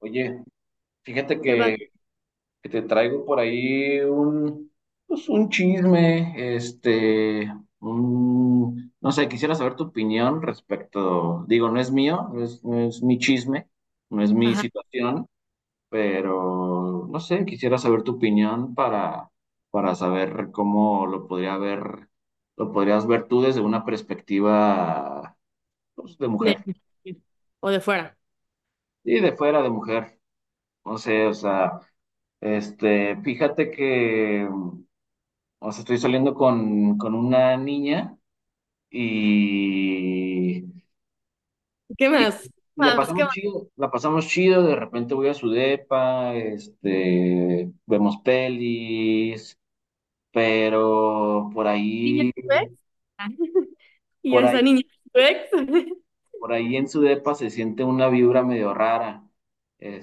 Oye, fíjate ¿Qué pasa? Que te traigo por ahí un, pues un chisme, no sé, quisiera saber tu opinión respecto, digo, no es mío, no es mi chisme, no es mi Ajá, situación, pero no sé, quisiera saber tu opinión para saber cómo lo podría ver, lo podrías ver tú desde una perspectiva, pues, de de mujer, o de fuera. y de fuera de mujer, no sé, o sea. Fíjate que, o sea, estoy saliendo con una niña y, ¿Qué y, más? y ¿Qué más? ¿Qué más? La pasamos chido, de repente voy a su depa, vemos pelis, pero ¿Niña tu ex? Ah, Y yo, por esa ahí, niña tu ex. por ahí en su depa se siente una vibra medio rara.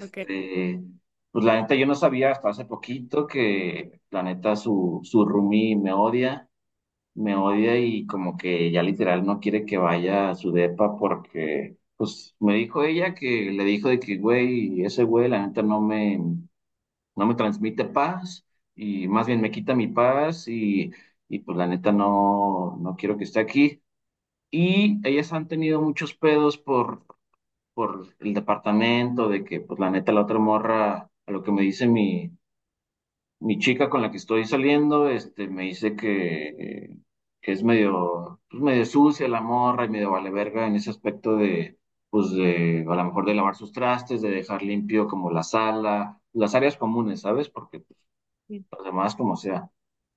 Ok. pues la neta yo no sabía hasta hace poquito que la neta su roomie me odia. Me odia y como que ya literal no quiere que vaya a su depa porque, pues, me dijo ella que le dijo de que, güey, ese güey, la neta no me, no me transmite paz y más bien me quita mi paz y pues la neta no, no quiero que esté aquí. Y ellas han tenido muchos pedos por el departamento, de que, pues, la neta la otra morra, a lo que me dice mi chica con la que estoy saliendo, me dice que es medio, pues medio sucia la morra y medio vale verga en ese aspecto de, a lo mejor de lavar sus trastes, de dejar limpio como la sala, las áreas comunes, ¿sabes? Porque pues, las demás como sea.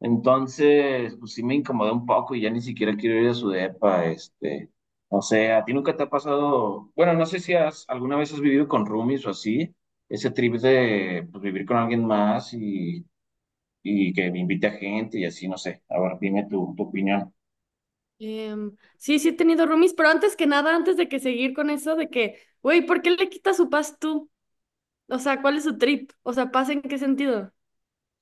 Entonces, pues sí me incomodé un poco y ya ni siquiera quiero ir a su depa, o sea, ¿a ti nunca te ha pasado? Bueno, no sé si has, alguna vez has vivido con roomies o así, ese trip de, pues, vivir con alguien más y que invite a gente y así, no sé. Ahora dime tu opinión. Sí, sí he tenido roomies, pero antes que nada, antes de que seguir con eso de que, güey, ¿por qué le quitas su paz tú? O sea, ¿cuál es su trip? O sea, ¿paz en qué sentido?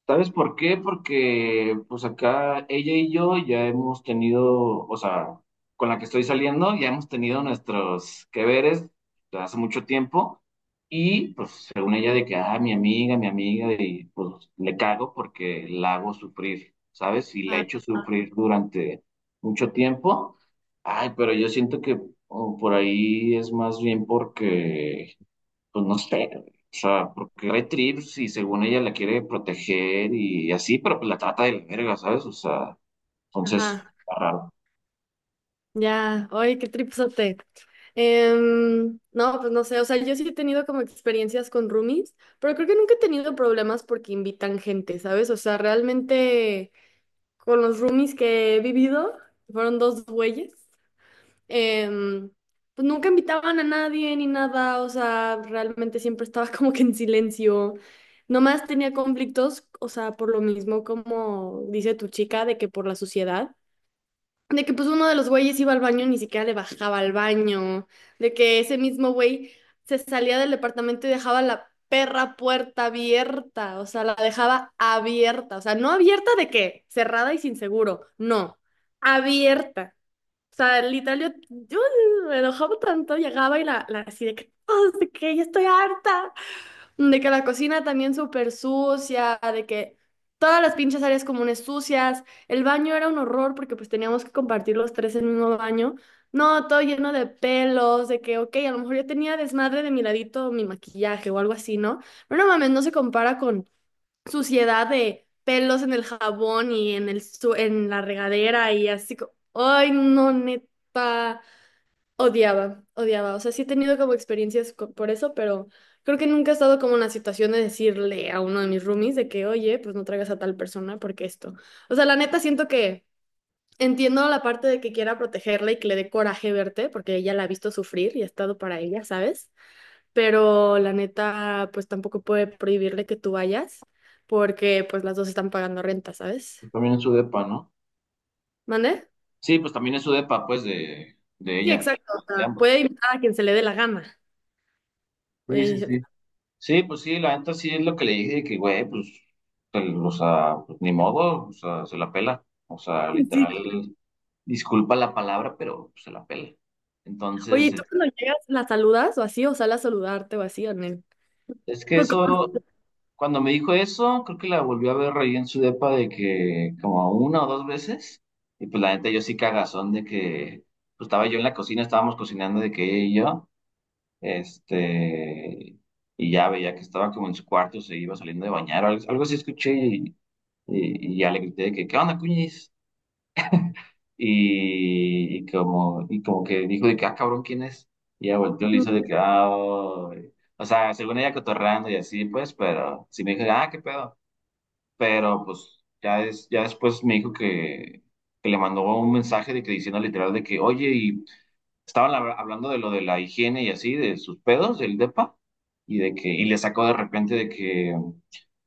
¿Sabes por qué? Porque pues acá ella y yo ya hemos tenido, o sea, con la que estoy saliendo, ya hemos tenido nuestros que veres de hace mucho tiempo y pues según ella de que, ah, mi amiga, y pues le cago porque la hago sufrir, ¿sabes? Y la he Ah, hecho sufrir durante mucho tiempo. Ay, pero yo siento que oh, por ahí es más bien porque pues no sé, o sea, porque hay trips y según ella la quiere proteger y así, pero pues la trata de la verga, ¿sabes? O sea, entonces, ajá. está raro. Ya, oye, qué tripsote. No, pues no sé, o sea, yo sí he tenido como experiencias con roomies, pero creo que nunca he tenido problemas porque invitan gente, ¿sabes? O sea, realmente con los roomies que he vivido, fueron dos güeyes, em, pues nunca invitaban a nadie ni nada, o sea, realmente siempre estaba como que en silencio. Nomás tenía conflictos, o sea, por lo mismo, como dice tu chica, de que por la sociedad. De que pues uno de los güeyes iba al baño y ni siquiera le bajaba al baño. De que ese mismo güey se salía del departamento y dejaba la perra puerta abierta. O sea, la dejaba abierta. O sea, no abierta de qué, cerrada y sin seguro. No, abierta. O sea, literal, yo me enojaba tanto, llegaba y la así de que, oh, de que ya estoy harta. De que la cocina también súper sucia, de que todas las pinches áreas comunes sucias, el baño era un horror porque pues teníamos que compartir los tres el mismo baño. No, todo lleno de pelos, de que, ok, a lo mejor yo tenía desmadre de mi ladito, mi maquillaje o algo así, ¿no? Pero no mames, no se compara con suciedad de pelos en el jabón y en el en la regadera y así. Ay, no, neta. Odiaba, odiaba. O sea, sí he tenido como experiencias por eso, pero creo que nunca he estado como en la situación de decirle a uno de mis roomies de que, oye, pues no traigas a tal persona porque esto. O sea, la neta siento que entiendo la parte de que quiera protegerla y que le dé coraje verte, porque ella la ha visto sufrir y ha estado para ella, ¿sabes? Pero la neta, pues tampoco puede prohibirle que tú vayas, porque pues las dos están pagando renta, ¿sabes? Pues también es su depa, ¿no? ¿Mande? Sí, pues también es su depa, pues, de Sí, ella, exacto. O de sea, puede ambos. invitar a quien se le dé la gana. Sí, sí, Oye, sí. Sí, pues sí, la neta sí es lo que le dije, que güey, pues, o sea, pues, ni modo, o sea, se la pela. O sea, literal, disculpa la palabra, pero pues, se la pela. Oye, Entonces, ¿y es tú cuando llegas, la saludas o así, o sale a saludarte o así, Anel? es que eso. Cuando me dijo eso, creo que la volví a ver ahí en su depa de que como una o dos veces. Y pues la neta, yo sí cagazón de que pues, estaba yo en la cocina, estábamos cocinando de que ella y yo, este, y ya veía que estaba como en su cuarto, se iba saliendo de bañar, o algo, algo así escuché y, y ya le grité de que, ¿qué onda, cuñis? Y como que dijo de que, ah, cabrón, ¿quién es? Y ya volteó y le hizo de que, ah, oh". O sea, según ella cotorrando y así, pues, pero si me dijo, ah, ¿qué pedo? Pero pues ya, ya después me dijo que le mandó un mensaje de que diciendo literal de que, oye, y estaban hablando de lo de la higiene y así, de sus pedos, del depa, y de que, y le sacó de repente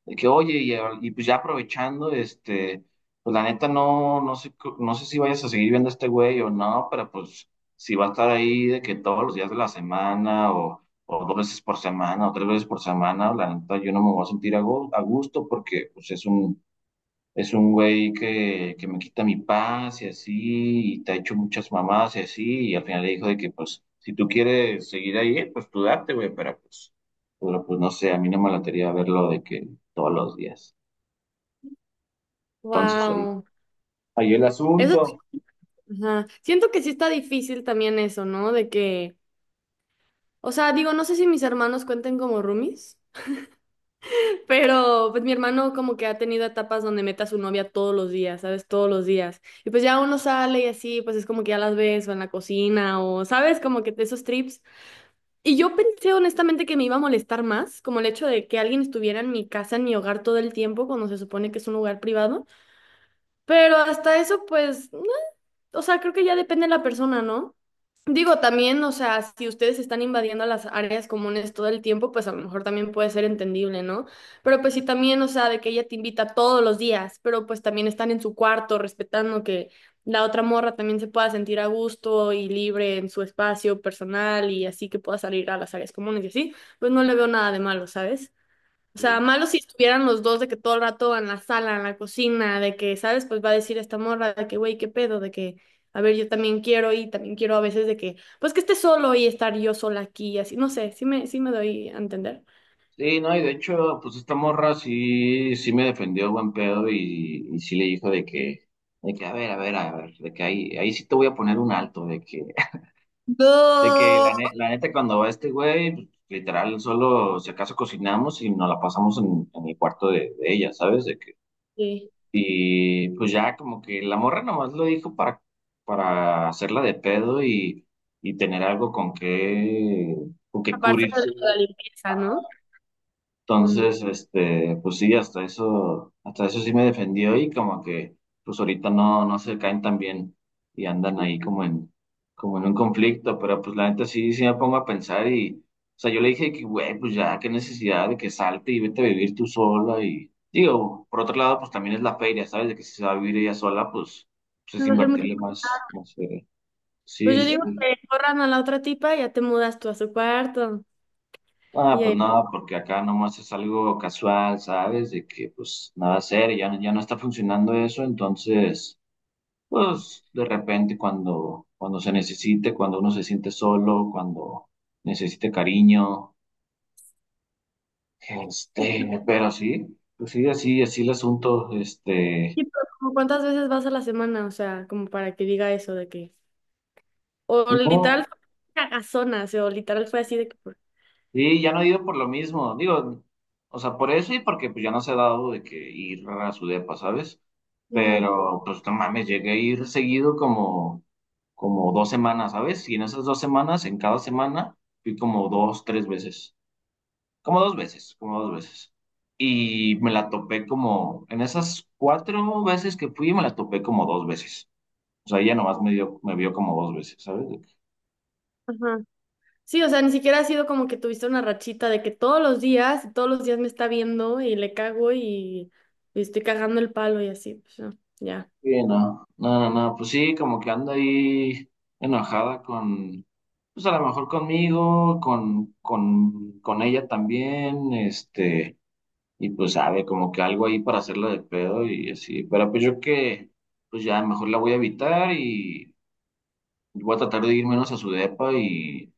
de que oye, y pues ya aprovechando, pues la neta no, no sé, no sé si vayas a seguir viendo a este güey o no, pero pues si va a estar ahí de que todos los días de la semana o dos veces por semana, o tres veces por semana, la neta, yo no me voy a sentir a a gusto porque pues, es un güey que me quita mi paz y así, y te ha hecho muchas mamadas y así, y al final le dijo de que, pues, si tú quieres seguir ahí, pues tú date, güey, pero pues no sé, a mí no me latería verlo de que todos los días. Entonces ahí, Wow. ahí el Eso, es- asunto. ajá. Siento que sí está difícil también eso, ¿no? De que, o sea, digo, no sé si mis hermanos cuenten como roomies, pero pues mi hermano como que ha tenido etapas donde mete a su novia todos los días, ¿sabes? Todos los días. Y pues ya uno sale y así, pues es como que ya las ves o en la cocina o, ¿sabes? Como que esos trips. Y yo pensé honestamente que me iba a molestar más, como el hecho de que alguien estuviera en mi casa, en mi hogar todo el tiempo, cuando se supone que es un lugar privado. Pero hasta eso, pues, no, o sea, creo que ya depende de la persona, ¿no? Digo, también, o sea, si ustedes están invadiendo las áreas comunes todo el tiempo, pues a lo mejor también puede ser entendible, ¿no? Pero pues sí también, o sea, de que ella te invita todos los días, pero pues también están en su cuarto respetando que la otra morra también se pueda sentir a gusto y libre en su espacio personal y así que pueda salir a las áreas comunes y así, pues no le veo nada de malo, ¿sabes? O sea, Sí, malo si estuvieran los dos de que todo el rato en la sala, en la cocina, de que, ¿sabes? Pues va a decir esta morra de que, güey, qué pedo, de que, a ver, yo también quiero y también quiero a veces de que, pues que esté solo y estar yo sola aquí y así, no sé, sí me doy a entender. sí, no, y de hecho, pues esta morra sí, sí me defendió buen pedo y sí le dijo de que, a ver, a ver, a ver, de que ahí, ahí sí te voy a poner un alto, de que de que No. La neta, cuando va este güey, pues, literal, solo si acaso cocinamos y nos la pasamos en el cuarto de ella, ¿sabes? De que, Sí. y pues ya como que la morra nomás lo dijo para hacerla de pedo y tener algo con que Aparte de lo de cubrirse la limpieza, ¿no? Mm, entonces, pues sí, hasta eso sí me defendió y como que, pues ahorita no, no se caen tan bien y andan ahí como en, como en un conflicto, pero pues la neta sí, sí me pongo a pensar y, o sea, yo le dije que, güey, pues ya, qué necesidad de que salte y vete a vivir tú sola y, digo, por otro lado, pues también es la feria, ¿sabes? De que si se va a vivir ella sola, pues, pues es no va a ser mucho. invertirle más, más feria. Pues Sí, yo sí. digo Sí. que corran a la otra tipa y ya te mudas tú a su cuarto. Ah, Y pues ahí. no, porque acá nomás es algo casual, ¿sabes? De que pues nada serio, ya, ya no está funcionando eso, entonces, Mm. pues de repente cuando se necesite, cuando uno se siente solo, cuando necesite cariño, pero sí, pues sí, así el asunto, Sí, pero como ¿cuántas veces vas a la semana? O sea, como para que diga eso de que. O no, literal fue una cagazona, o sea, o literal fue así de que... sí, ya no he ido por lo mismo, digo, o sea, por eso y porque pues ya no se ha dado de que ir a su depa, ¿sabes? Ujú, Pero pues no mames, llegué a ir seguido como dos semanas, ¿sabes? Y en esas dos semanas, en cada semana, fui como dos, tres veces, como dos veces. Y me la topé como, en esas cuatro veces que fui, me la topé como dos veces. O sea, ella nomás me dio, me vio como dos veces, ¿sabes? De que, ajá. Sí, o sea, ni siquiera ha sido como que tuviste una rachita de que todos los días me está viendo y le cago y estoy cagando el palo y así, pues no, ya. sí, no, no, no, no, pues sí, como que anda ahí enojada con, pues a lo mejor conmigo, con ella también, este. Y pues sabe, como que algo ahí para hacerla de pedo y así. Pero pues yo que, pues ya mejor la voy a evitar y voy a tratar de ir menos a su depa y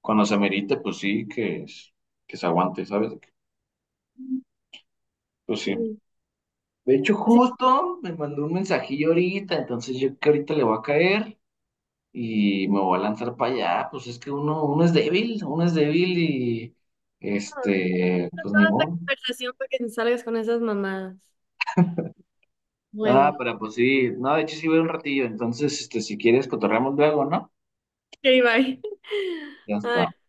cuando se amerite, pues sí, que se aguante, ¿sabes? Pues sí. Ujú. De hecho, Sí, justo me mandó un mensajillo ahorita, entonces yo que ahorita le voy a caer y me voy a lanzar para allá. Pues es que uno, uno es débil y no, no, este, no, pues ni toda esta modo. conversación para que te salgas con esas mamadas. Bueno, Ah, ok, pero pues sí, no, de hecho sí voy un ratillo, entonces este, si quieres cotorreamos luego, ¿no? bye. Ya está. Ay.